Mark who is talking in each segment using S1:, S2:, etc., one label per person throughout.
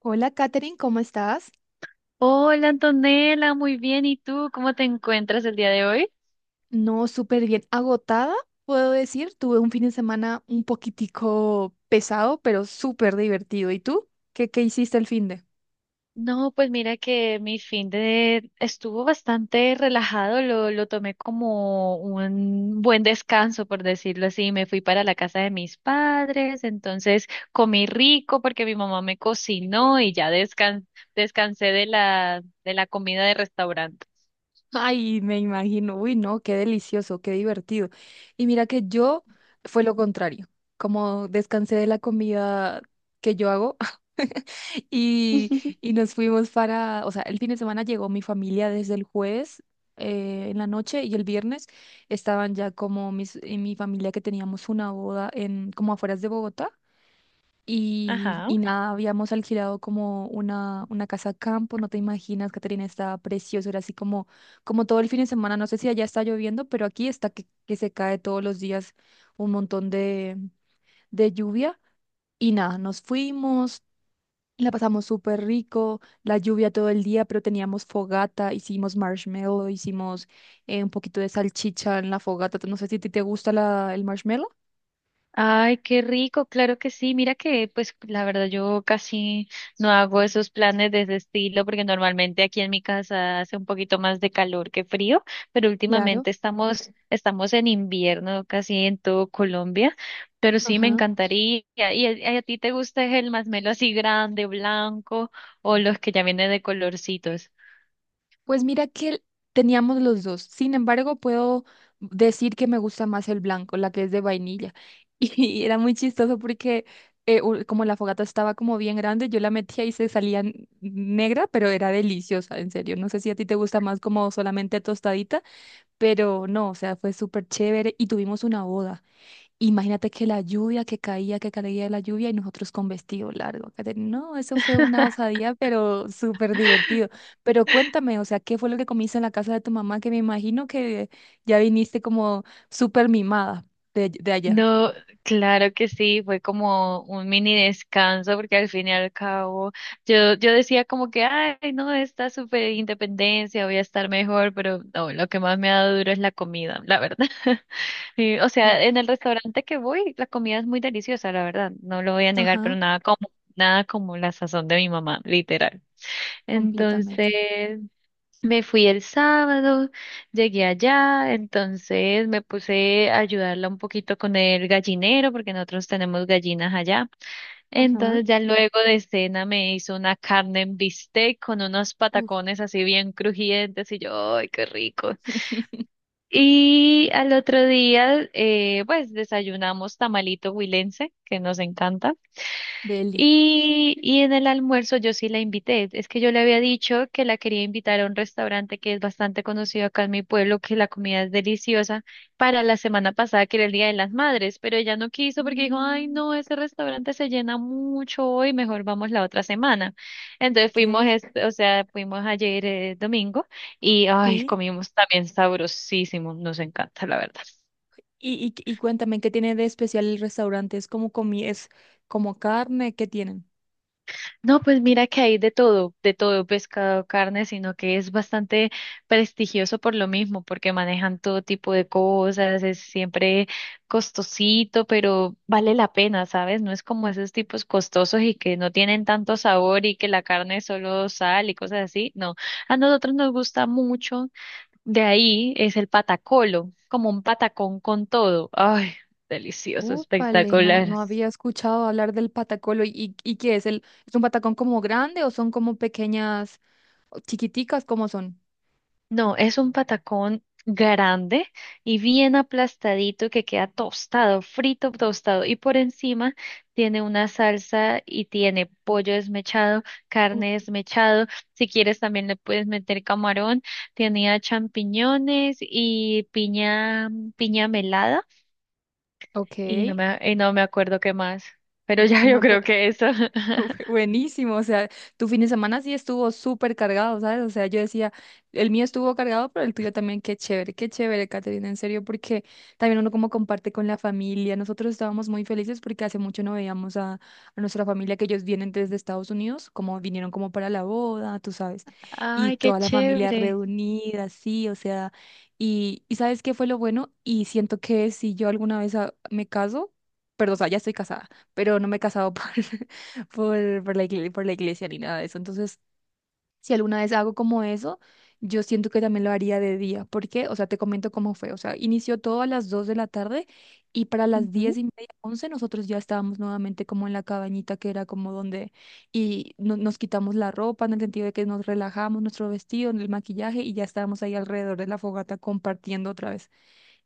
S1: Hola, Katherine, ¿cómo estás?
S2: Hola Antonella, muy bien. ¿Y tú cómo te encuentras el día de hoy?
S1: No, súper bien. Agotada, puedo decir. Tuve un fin de semana un poquitico pesado, pero súper divertido. ¿Y tú? ¿Qué hiciste el fin de?
S2: No, pues mira que mi fin de estuvo bastante relajado, lo tomé como un buen descanso, por decirlo así. Me fui para la casa de mis padres, entonces comí rico porque mi mamá me cocinó y ya descansé de la comida de restaurante.
S1: Ay, me imagino, uy, no, qué delicioso, qué divertido. Y mira que yo fue lo contrario, como descansé de la comida que yo hago, y, y nos fuimos para, o sea, el fin de semana llegó mi familia desde el jueves en la noche, y el viernes estaban ya como mis, y mi familia que teníamos una boda en, como afueras de Bogotá.
S2: Ajá.
S1: Y nada, habíamos alquilado como una casa campo, no te imaginas, Caterina, estaba precioso, era así como todo el fin de semana, no sé si allá está lloviendo, pero aquí está que se cae todos los días un montón de lluvia. Y nada, nos fuimos, la pasamos súper rico, la lluvia todo el día, pero teníamos fogata, hicimos marshmallow, hicimos un poquito de salchicha en la fogata, no sé si a ti te gusta el marshmallow.
S2: Ay, qué rico, claro que sí. Mira que, pues, la verdad yo casi no hago esos planes de ese estilo porque normalmente aquí en mi casa hace un poquito más de calor que frío, pero
S1: Claro,
S2: últimamente estamos en invierno casi en todo Colombia. Pero sí, me
S1: ajá.
S2: encantaría. ¿Y a ti te gusta el masmelo así grande, blanco o los que ya vienen de colorcitos?
S1: Pues mira que teníamos los dos. Sin embargo, puedo decir que me gusta más el blanco, la que es de vainilla. Y era muy chistoso porque como la fogata estaba como bien grande, yo la metía y se salía negra, pero era deliciosa, en serio. No sé si a ti te gusta más como solamente tostadita, pero no, o sea, fue súper chévere y tuvimos una boda. Imagínate que la lluvia que caía la lluvia y nosotros con vestido largo. Kate, no, eso fue una osadía, pero súper divertido. Pero cuéntame, o sea, ¿qué fue lo que comiste en la casa de tu mamá? Que me imagino que ya viniste como súper mimada de allá.
S2: No, claro que sí, fue como un mini descanso porque al fin y al cabo yo decía como que, ay, no, esta super independencia, voy a estar mejor, pero no, lo que más me ha dado duro es la comida, la verdad. Y, o
S1: Oh,
S2: sea, en el restaurante que voy, la comida es muy deliciosa, la verdad, no lo voy a negar, pero
S1: ajá,
S2: nada como la sazón de mi mamá, literal.
S1: completamente.
S2: Entonces, me fui el sábado, llegué allá, entonces me puse a ayudarla un poquito con el gallinero, porque nosotros tenemos gallinas allá.
S1: Ajá.
S2: Entonces ya luego de cena me hizo una carne en bistec con unos
S1: Uf,
S2: patacones así bien crujientes y yo, ¡ay, qué rico! Y al otro día, pues desayunamos tamalito huilense, que nos encanta.
S1: deli.
S2: Y en el almuerzo yo sí la invité. Es que yo le había dicho que la quería invitar a un restaurante que es bastante conocido acá en mi pueblo, que la comida es deliciosa, para la semana pasada, que era el Día de las Madres, pero ella no quiso porque dijo, ay,
S1: Mm,
S2: no, ese restaurante se llena mucho hoy, mejor vamos la otra semana. Entonces
S1: ok,
S2: fuimos, es o sea, fuimos ayer domingo y, ay,
S1: sí.
S2: comimos también sabrosísimo, nos encanta, la verdad.
S1: Y cuéntame, ¿qué tiene de especial el restaurante? ¿Es como comi, es como carne? ¿Qué tienen?
S2: No, pues mira que hay de todo, pescado, carne, sino que es bastante prestigioso por lo mismo, porque manejan todo tipo de cosas, es siempre costosito, pero vale la pena, ¿sabes? No es como esos tipos costosos y que no tienen tanto sabor y que la carne es solo sal y cosas así. No, a nosotros nos gusta mucho, de ahí es el patacolo, como un patacón con todo. Ay, delicioso,
S1: Úpale, no,
S2: espectacular.
S1: no había escuchado hablar del patacolo. Y qué es el, es un patacón como grande o son como pequeñas, o chiquiticas, cómo son?
S2: No, es un patacón grande y bien aplastadito que queda tostado, frito, tostado. Y por encima tiene una salsa y tiene pollo desmechado,
S1: Uf,
S2: carne desmechado. Si quieres también le puedes meter camarón. Tenía champiñones y piña, piña melada
S1: ok,
S2: y no me acuerdo qué más. Pero
S1: uf,
S2: ya yo
S1: no,
S2: creo que eso.
S1: buenísimo, o sea, tu fin de semana sí estuvo súper cargado, ¿sabes? O sea, yo decía, el mío estuvo cargado, pero el tuyo también, qué chévere, Caterina, en serio, porque también uno como comparte con la familia. Nosotros estábamos muy felices porque hace mucho no veíamos a nuestra familia, que ellos vienen desde Estados Unidos, como vinieron como para la boda, tú sabes, y
S2: Ay, qué
S1: toda la familia
S2: chévere.
S1: reunida, sí, o sea, y ¿sabes qué fue lo bueno? Y siento que si yo alguna vez me caso, perdón, o sea, ya estoy casada pero no me he casado por, por, por la iglesia, por la iglesia ni nada de eso. Entonces, si alguna vez hago como eso, yo siento que también lo haría de día. ¿Por qué? O sea, te comento cómo fue. O sea, inició todo a las 2 de la tarde y para las 10 y media, 11 nosotros ya estábamos nuevamente como en la cabañita que era como donde y nos quitamos la ropa en el sentido de que nos relajamos, nuestro vestido, el maquillaje, y ya estábamos ahí alrededor de la fogata compartiendo otra vez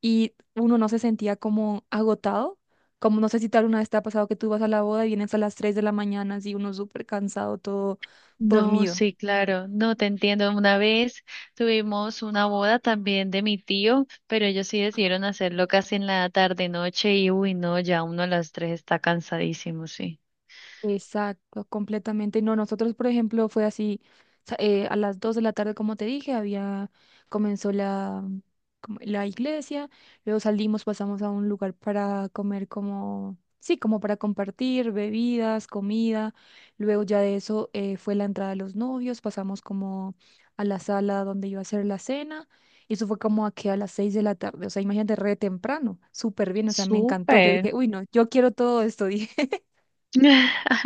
S1: y uno no se sentía como agotado. Como no sé si tal una vez te ha pasado que tú vas a la boda y vienes a las 3 de la mañana, así uno súper cansado, todo
S2: No,
S1: dormido.
S2: sí, claro, no te entiendo. Una vez tuvimos una boda también de mi tío, pero ellos sí decidieron hacerlo casi en la tarde noche y uy, no, ya uno a las tres está cansadísimo, sí.
S1: Exacto, completamente. No, nosotros, por ejemplo, fue así, a las 2 de la tarde, como te dije, había, comenzó la, como la iglesia, luego salimos, pasamos a un lugar para comer como, sí, como para compartir bebidas, comida, luego ya de eso fue la entrada de los novios, pasamos como a la sala donde iba a ser la cena, y eso fue como a que a las 6 de la tarde, o sea, imagínate, re temprano, súper bien, o sea, me encantó, yo
S2: Súper.
S1: dije, uy, no, yo quiero todo esto, dije.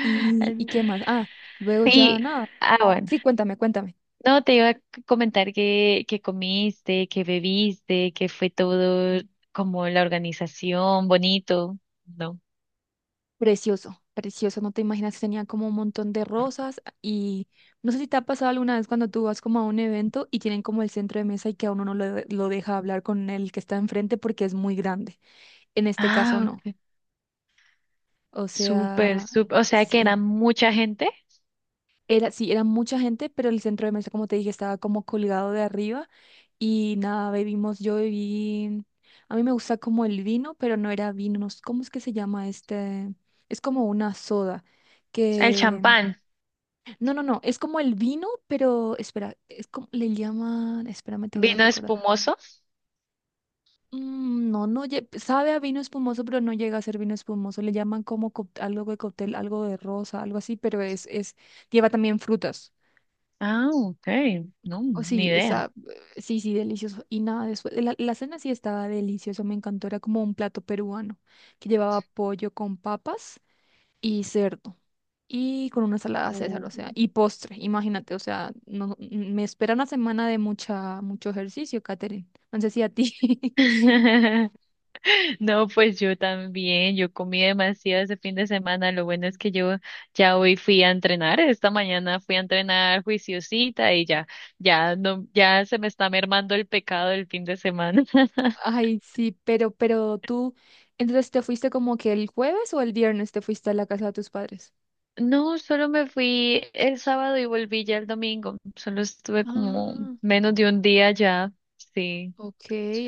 S1: Y qué más? Ah, luego ya
S2: Y,
S1: nada.
S2: bueno,
S1: Sí, cuéntame, cuéntame.
S2: no te iba a comentar que comiste, que bebiste, que fue todo como la organización, bonito, ¿no?
S1: Precioso, precioso. No te imaginas, tenía como un montón de rosas, y no sé si te ha pasado alguna vez cuando tú vas como a un evento y tienen como el centro de mesa y que a uno no lo deja hablar con el que está enfrente porque es muy grande. En este caso
S2: Ah,
S1: no.
S2: ok,
S1: O
S2: súper,
S1: sea,
S2: súper, o sea que
S1: sí.
S2: era mucha gente.
S1: Era, sí, era mucha gente, pero el centro de mesa, como te dije, estaba como colgado de arriba y nada, bebimos, yo bebí, a mí me gusta como el vino, pero no era vino, no sé, ¿cómo es que se llama este? Es como una soda,
S2: El
S1: que,
S2: champán,
S1: no, no, no, es como el vino, pero, espera, es como, le llaman, espérame, te voy a
S2: vino
S1: recordar.
S2: espumoso.
S1: Mm, no, no, sabe a vino espumoso, pero no llega a ser vino espumoso, le llaman como algo de cóctel, algo de rosa, algo así, pero es, lleva también frutas.
S2: Ah, ok, no,
S1: Oh,
S2: ni
S1: sí,
S2: idea.
S1: está, sí, sí, delicioso. Y nada, después, la cena sí estaba deliciosa, me encantó. Era como un plato peruano que llevaba pollo con papas y cerdo y con una salada César, o sea,
S2: Mm.
S1: y postre, imagínate, o sea, no, me espera una semana de mucha, mucho ejercicio, Katherine. No sé si a ti.
S2: No, pues yo también, yo comí demasiado ese fin de semana. Lo bueno es que yo ya hoy fui a entrenar, esta mañana fui a entrenar juiciosita y ya no, ya se me está mermando el pecado del fin de semana.
S1: Ay, sí, pero tú, entonces te fuiste como que el jueves o el viernes te fuiste a la casa de tus padres.
S2: No, solo me fui el sábado y volví ya el domingo. Solo estuve como
S1: Ah,
S2: menos de un día ya, sí.
S1: ok,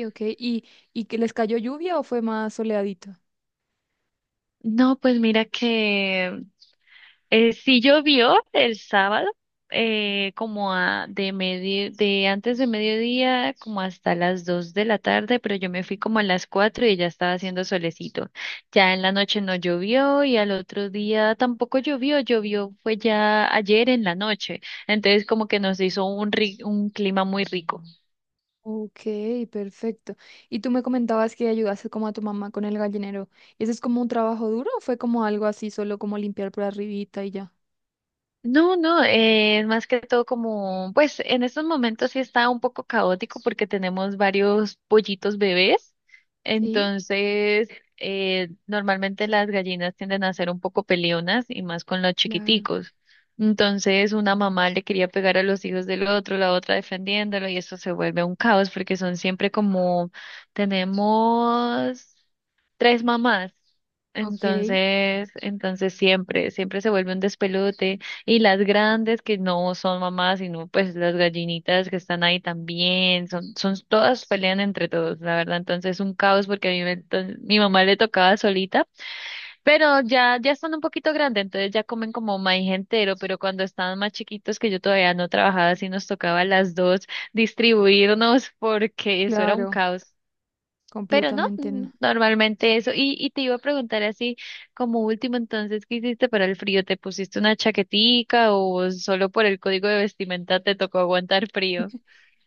S1: ok. Y que les cayó lluvia o fue más soleadito?
S2: No, pues mira que sí llovió el sábado, como de antes de mediodía, como hasta las 2 de la tarde, pero yo me fui como a las 4 y ya estaba haciendo solecito. Ya en la noche no llovió y al otro día tampoco llovió fue ya ayer en la noche, entonces como que nos hizo un clima muy rico.
S1: Ok, perfecto. Y tú me comentabas que ayudaste como a tu mamá con el gallinero. ¿Y ¿ese es como un trabajo duro o fue como algo así, solo como limpiar por arribita y ya?
S2: No, no, más que todo como, pues en estos momentos sí está un poco caótico porque tenemos varios pollitos bebés,
S1: Sí,
S2: entonces normalmente las gallinas tienden a ser un poco peleonas y más con los
S1: claro.
S2: chiquiticos. Entonces una mamá le quería pegar a los hijos del otro, la otra defendiéndolo y eso se vuelve un caos porque son siempre como, tenemos tres mamás.
S1: Ok,
S2: Entonces, siempre se vuelve un despelote. Y las grandes que no son mamás, sino pues las gallinitas que están ahí también, son todas pelean entre todos, la verdad. Entonces es un caos porque a mí mi mamá le tocaba solita, pero ya están un poquito grandes, entonces ya comen como maíz entero, pero cuando estaban más chiquitos que yo todavía no trabajaba, así nos tocaba a las dos distribuirnos porque eso era un
S1: claro,
S2: caos. Pero no,
S1: completamente no.
S2: normalmente eso. Y te iba a preguntar así, como último entonces, ¿qué hiciste para el frío? ¿Te pusiste una chaquetica o solo por el código de vestimenta te tocó aguantar frío?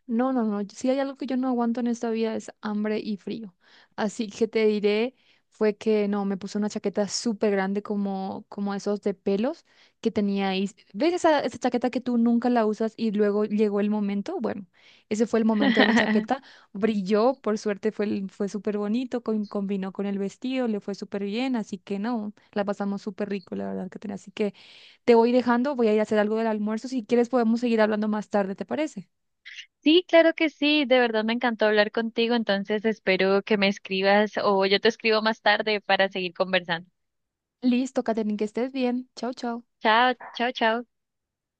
S1: No, no, no. Si hay algo que yo no aguanto en esta vida es hambre y frío. Así que te diré, fue que no, me puse una chaqueta súper grande como, como esos de pelos que tenía ahí. ¿Ves esa, esa chaqueta que tú nunca la usas y luego llegó el momento? Bueno, ese fue el momento de mi chaqueta. Brilló, por suerte fue, fue súper bonito, combinó con el vestido, le fue súper bien. Así que no, la pasamos súper rico, la verdad que tenía. Así que te voy dejando, voy a ir a hacer algo del almuerzo. Si quieres podemos seguir hablando más tarde, ¿te parece?
S2: Sí, claro que sí, de verdad me encantó hablar contigo, entonces espero que me escribas o yo te escribo más tarde para seguir conversando.
S1: Listo, Katherine, que estés bien. Chau, chau.
S2: Chao, chao, chao.